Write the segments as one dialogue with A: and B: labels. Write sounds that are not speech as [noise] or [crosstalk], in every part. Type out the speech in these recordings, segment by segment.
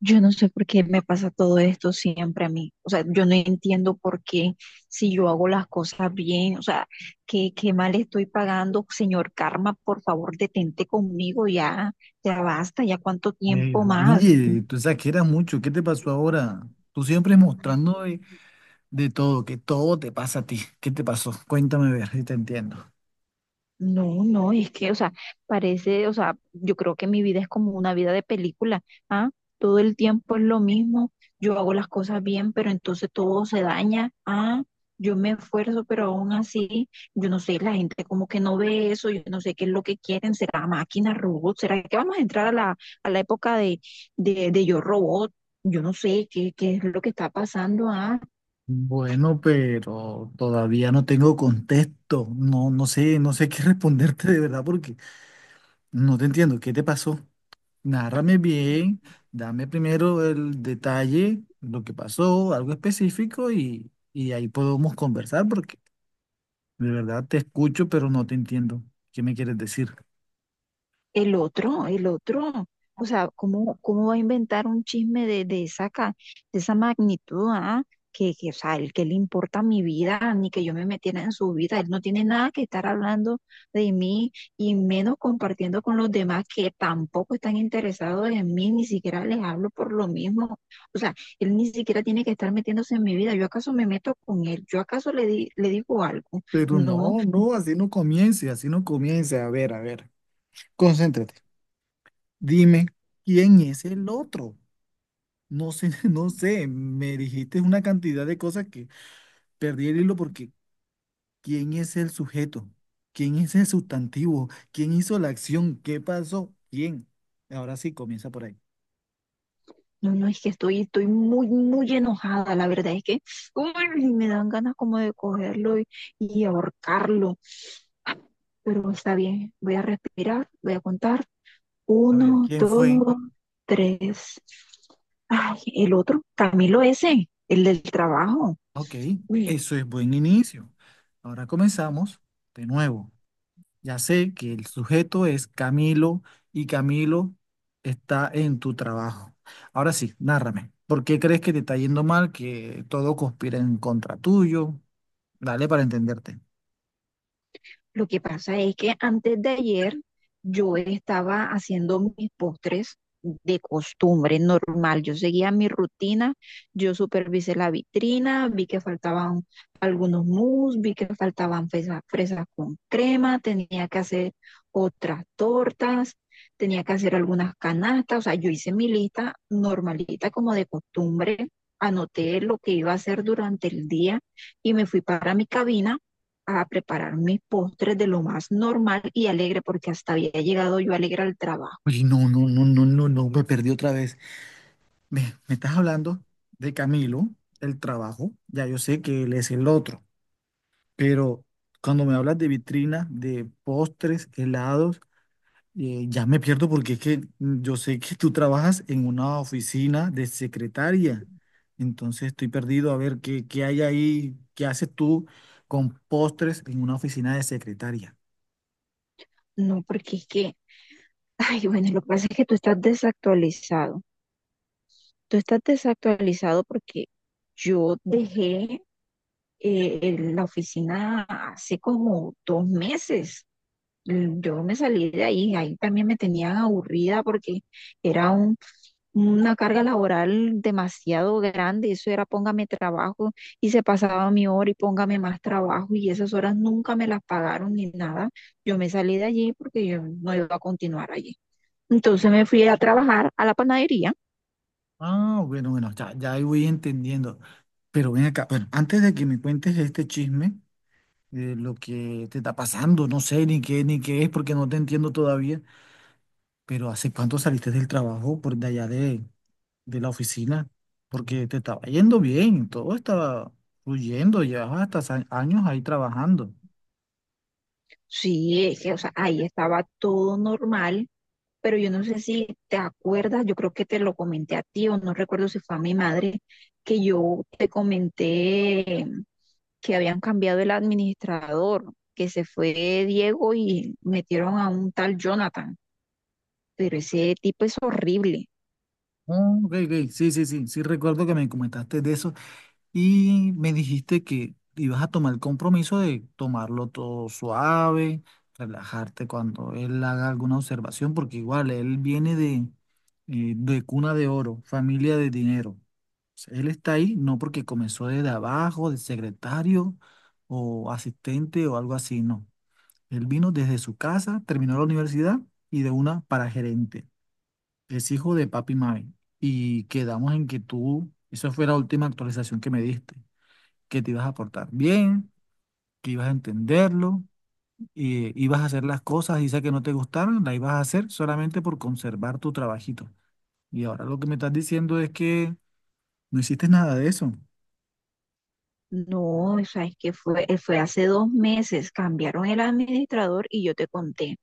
A: Yo no sé por qué me pasa todo esto siempre a mí. O sea, yo no entiendo por qué si yo hago las cosas bien, o sea, qué mal estoy pagando. Señor Karma, por favor, detente conmigo ya, ya basta, ya cuánto
B: Eh,
A: tiempo más.
B: oye, tú exageras mucho, ¿qué te pasó ahora? Tú siempre mostrando de todo, que todo te pasa a ti. ¿Qué te pasó? Cuéntame a ver si te entiendo.
A: No, no, es que, o sea, parece, o sea, yo creo que mi vida es como una vida de película, ¿ah? Todo el tiempo es lo mismo, yo hago las cosas bien, pero entonces todo se daña, ¿ah? Yo me esfuerzo, pero aún así, yo no sé, la gente como que no ve eso, yo no sé qué es lo que quieren, será máquina, robot, será que vamos a entrar a la época de, de yo robot, yo no sé qué es lo que está pasando, ¿ah?
B: Bueno, pero todavía no tengo contexto. No, no sé qué [laughs] responderte de verdad porque no te entiendo. ¿Qué te pasó? Nárrame bien, dame primero el detalle, lo que pasó, algo específico y ahí podemos conversar porque de verdad te escucho, pero no te entiendo. ¿Qué me quieres decir?
A: El otro, el otro. O sea, ¿cómo va a inventar un chisme de de esa magnitud? ¿Ah? Que, o sea, el que le importa mi vida, ni que yo me metiera en su vida. Él no tiene nada que estar hablando de mí y menos compartiendo con los demás que tampoco están interesados en mí, ni siquiera les hablo por lo mismo. O sea, él ni siquiera tiene que estar metiéndose en mi vida. ¿Yo acaso me meto con él? ¿Yo acaso le digo algo?
B: Pero
A: No.
B: no, no, así no comience, así no comience. A ver, concéntrate. Dime, ¿quién es el otro? No sé, [laughs] no sé, me dijiste una cantidad de cosas que perdí el hilo porque ¿quién es el sujeto? ¿Quién es el sustantivo? ¿Quién hizo la acción? ¿Qué pasó? ¿Quién? Ahora sí, comienza por ahí.
A: No, no, es que estoy muy, muy enojada, la verdad es que uy, me dan ganas como de cogerlo y ahorcarlo. Ah, pero está bien, voy a respirar, voy a contar.
B: A ver,
A: Uno,
B: ¿quién fue?
A: dos, tres. Ay, el otro, Camilo ese, el del trabajo.
B: Ok,
A: Uy,
B: eso es buen inicio. Ahora comenzamos de nuevo. Ya sé que el sujeto es Camilo y Camilo está en tu trabajo. Ahora sí, nárrame. ¿Por qué crees que te está yendo mal, que todo conspira en contra tuyo? Dale para entenderte.
A: lo que pasa es que antes de ayer yo estaba haciendo mis postres de costumbre, normal. Yo seguía mi rutina, yo supervisé la vitrina, vi que faltaban algunos mousse, vi que faltaban fresas, fresas con crema, tenía que hacer otras tortas, tenía que hacer algunas canastas, o sea, yo hice mi lista normalita como de costumbre, anoté lo que iba a hacer durante el día y me fui para mi cabina a preparar mis postres de lo más normal y alegre, porque hasta había llegado yo alegre al trabajo.
B: Oye, no, no, no, no, no, no, me perdí otra vez. Me, Me estás hablando de Camilo, el trabajo. Ya yo sé que él es el otro, pero cuando me hablas de vitrina, de postres, helados, ya me pierdo porque es que yo sé que tú trabajas en una oficina de secretaria, entonces estoy perdido a ver qué hay ahí, qué haces tú con postres en una oficina de secretaria.
A: No, porque es que, ay, bueno, lo que pasa es que tú estás desactualizado. Tú estás desactualizado porque yo dejé eh, la oficina hace como 2 meses. Yo me salí de ahí, ahí también me tenían aburrida porque era un una carga laboral demasiado grande. Eso era póngame trabajo y se pasaba mi hora y póngame más trabajo y esas horas nunca me las pagaron ni nada. Yo me salí de allí porque yo no iba a continuar allí. Entonces me fui a trabajar a la panadería.
B: Ah, bueno, bueno, ya, ya ahí voy entendiendo. Pero ven acá, bueno, antes de que me cuentes este chisme, lo que te está pasando, no sé ni qué, ni qué es porque no te entiendo todavía, pero ¿hace cuánto saliste del trabajo por de allá de la oficina, porque te estaba yendo bien, todo estaba fluyendo, llevabas hasta años ahí trabajando?
A: Sí, es que, o sea, ahí estaba todo normal, pero yo no sé si te acuerdas, yo creo que te lo comenté a ti o no recuerdo si fue a mi madre, que yo te comenté que habían cambiado el administrador, que se fue Diego y metieron a un tal Jonathan, pero ese tipo es horrible.
B: Ah, ok, ok, sí, sí, sí, sí recuerdo que me comentaste de eso y me dijiste que ibas a tomar el compromiso de tomarlo todo suave, relajarte cuando él haga alguna observación, porque igual él viene de cuna de oro, familia de dinero. O sea, él está ahí no porque comenzó desde abajo, de secretario o asistente o algo así, no. Él vino desde su casa, terminó la universidad y de una para gerente. Es hijo de papi y mami. Y quedamos en que tú, esa fue la última actualización que me diste, que te ibas a portar bien, que ibas a entenderlo, y ibas a hacer las cosas, y sea que no te gustaron, las ibas a hacer solamente por conservar tu trabajito. Y ahora lo que me estás diciendo es que no hiciste nada de eso.
A: No, o sea, es que fue hace 2 meses, cambiaron el administrador y yo te conté.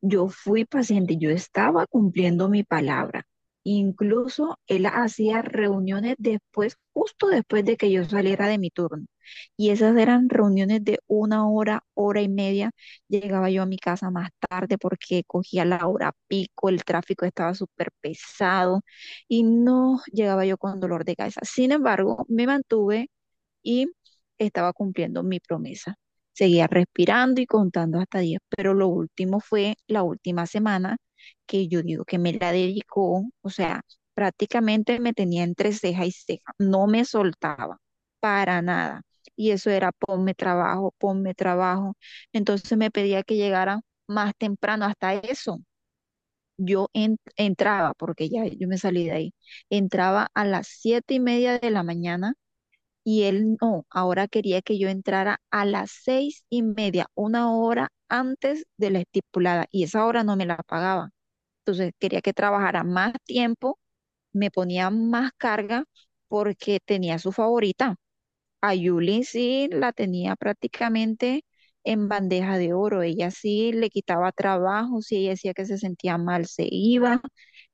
A: Yo fui paciente, yo estaba cumpliendo mi palabra. Incluso él hacía reuniones después, justo después de que yo saliera de mi turno. Y esas eran reuniones de 1 hora, hora y media. Llegaba yo a mi casa más tarde porque cogía la hora pico, el tráfico estaba súper pesado y no llegaba yo con dolor de cabeza. Sin embargo, me mantuve y estaba cumpliendo mi promesa. Seguía respirando y contando hasta 10, pero lo último fue la última semana que yo digo que me la dedicó, o sea, prácticamente me tenía entre ceja y ceja, no me soltaba para nada. Y eso era ponme trabajo, ponme trabajo. Entonces me pedía que llegara más temprano, hasta eso. Yo entraba, porque ya yo me salí de ahí, entraba a las 7:30 de la mañana y él no, ahora quería que yo entrara a las 6:30, 1 hora antes de la estipulada, y esa hora no me la pagaba. Entonces quería que trabajara más tiempo, me ponía más carga porque tenía su favorita. A Yulin sí la tenía prácticamente en bandeja de oro. Ella sí le quitaba trabajo, si ella decía que se sentía mal, se iba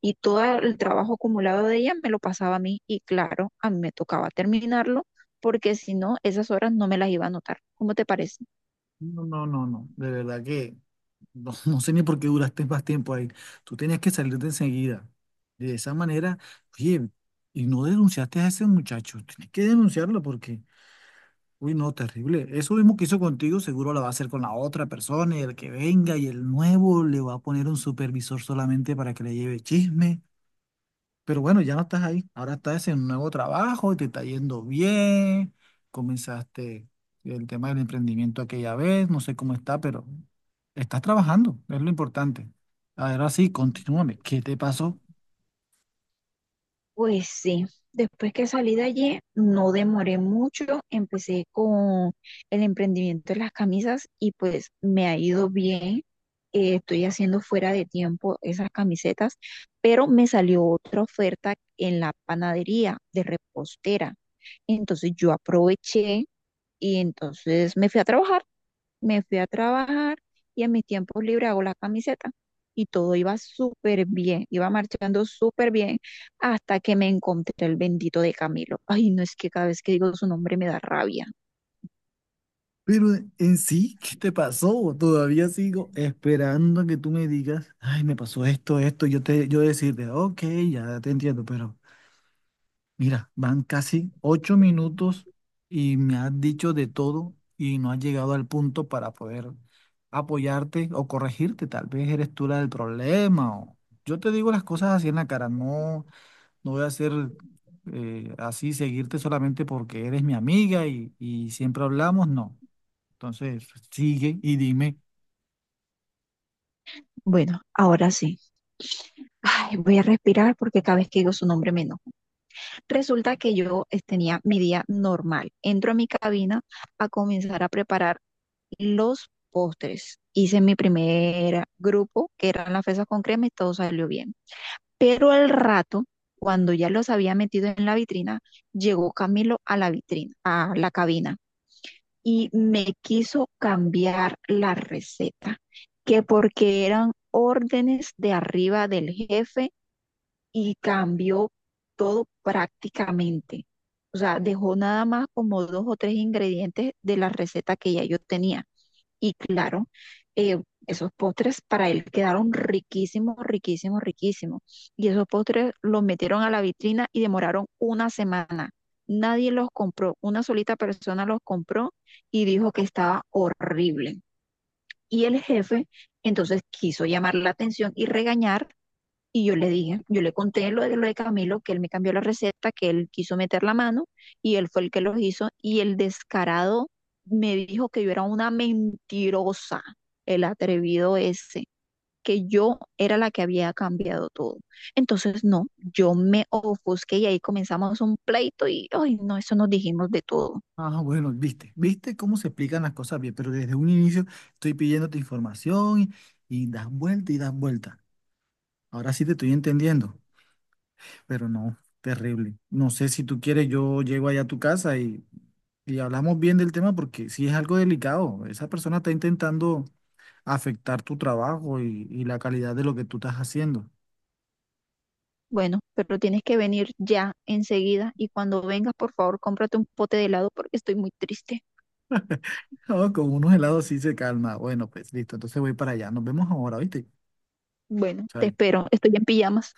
A: y todo el trabajo acumulado de ella me lo pasaba a mí y claro, a mí me tocaba terminarlo porque si no, esas horas no me las iba a anotar. ¿Cómo te parece?
B: No, no, no, no. De verdad que no, [laughs] no sé ni por qué duraste más tiempo ahí. Tú tenías que salirte enseguida. De esa manera, oye, y no denunciaste a ese muchacho. Tienes que denunciarlo porque, uy, no, terrible. Eso mismo que hizo contigo, seguro lo va a hacer con la otra persona y el que venga y el nuevo le va a poner un supervisor solamente para que le lleve chisme. Pero bueno, ya no estás ahí. Ahora estás en un nuevo trabajo, te está yendo bien. Comenzaste el tema del emprendimiento aquella vez, no sé cómo está, pero estás trabajando, es lo importante. Ahora sí, continúame. ¿Qué te pasó?
A: Pues sí, después que salí de allí, no demoré mucho, empecé con el emprendimiento de las camisas y pues me ha ido bien. Estoy haciendo fuera de tiempo esas camisetas, pero me salió otra oferta en la panadería de repostera. Entonces yo aproveché y entonces me fui a trabajar. me fui a trabajar y en mis tiempos libres hago la camiseta. Y todo iba súper bien, iba marchando súper bien hasta que me encontré el bendito de Camilo. Ay, no, es que cada vez que digo su nombre me da rabia.
B: Pero en sí, ¿qué te pasó? Todavía sigo esperando a que tú me digas, ay, me pasó esto, esto, yo decirte, ok, ya te entiendo, pero. Mira, van casi 8 minutos y me has dicho de todo y no has llegado al punto para poder apoyarte o corregirte. Tal vez eres tú la del problema o yo te digo las cosas así en la cara. No, no voy a ser así, seguirte solamente porque eres mi amiga y siempre hablamos. No. Entonces, sigue y dime.
A: Bueno, ahora sí. Ay, voy a respirar porque cada vez que digo su nombre me enojo. Resulta que yo tenía mi día normal. Entro a mi cabina a comenzar a preparar los postres. Hice mi primer grupo, que eran las fresas con crema, y todo salió bien. Pero al rato, cuando ya los había metido en la vitrina, llegó Camilo a la vitrina, a la cabina, y me quiso cambiar la receta, que porque eran órdenes de arriba del jefe y cambió todo prácticamente. O sea, dejó nada más como 2 o 3 ingredientes de la receta que ya yo tenía. Y claro, eh, esos postres para él quedaron riquísimos, riquísimos, riquísimos. Y esos postres los metieron a la vitrina y demoraron 1 semana. Nadie los compró, una solita persona los compró y dijo que estaba horrible. Y el jefe entonces quiso llamar la atención y regañar y yo le dije, yo le conté lo de Camilo, que él me cambió la receta, que él quiso meter la mano y él fue el que lo hizo. Y el descarado me dijo que yo era una mentirosa, el atrevido ese, que yo era la que había cambiado todo. Entonces, no, yo me ofusqué y ahí comenzamos un pleito y, ay, no, eso nos dijimos de todo.
B: Ah, bueno, viste, viste cómo se explican las cosas bien, pero desde un inicio estoy pidiéndote información y das vuelta y das vuelta. Ahora sí te estoy entendiendo, pero no, terrible. No sé si tú quieres, yo llego allá a tu casa y hablamos bien del tema porque sí es algo delicado. Esa persona está intentando afectar tu trabajo y la calidad de lo que tú estás haciendo. [laughs]
A: Bueno, pero tienes que venir ya enseguida y cuando vengas, por favor, cómprate un pote de helado porque estoy muy triste.
B: No, con unos helados sí se calma. Bueno, pues listo, entonces voy para allá. Nos vemos ahora, ¿viste?
A: Bueno, te
B: Chao.
A: espero, estoy en pijamas.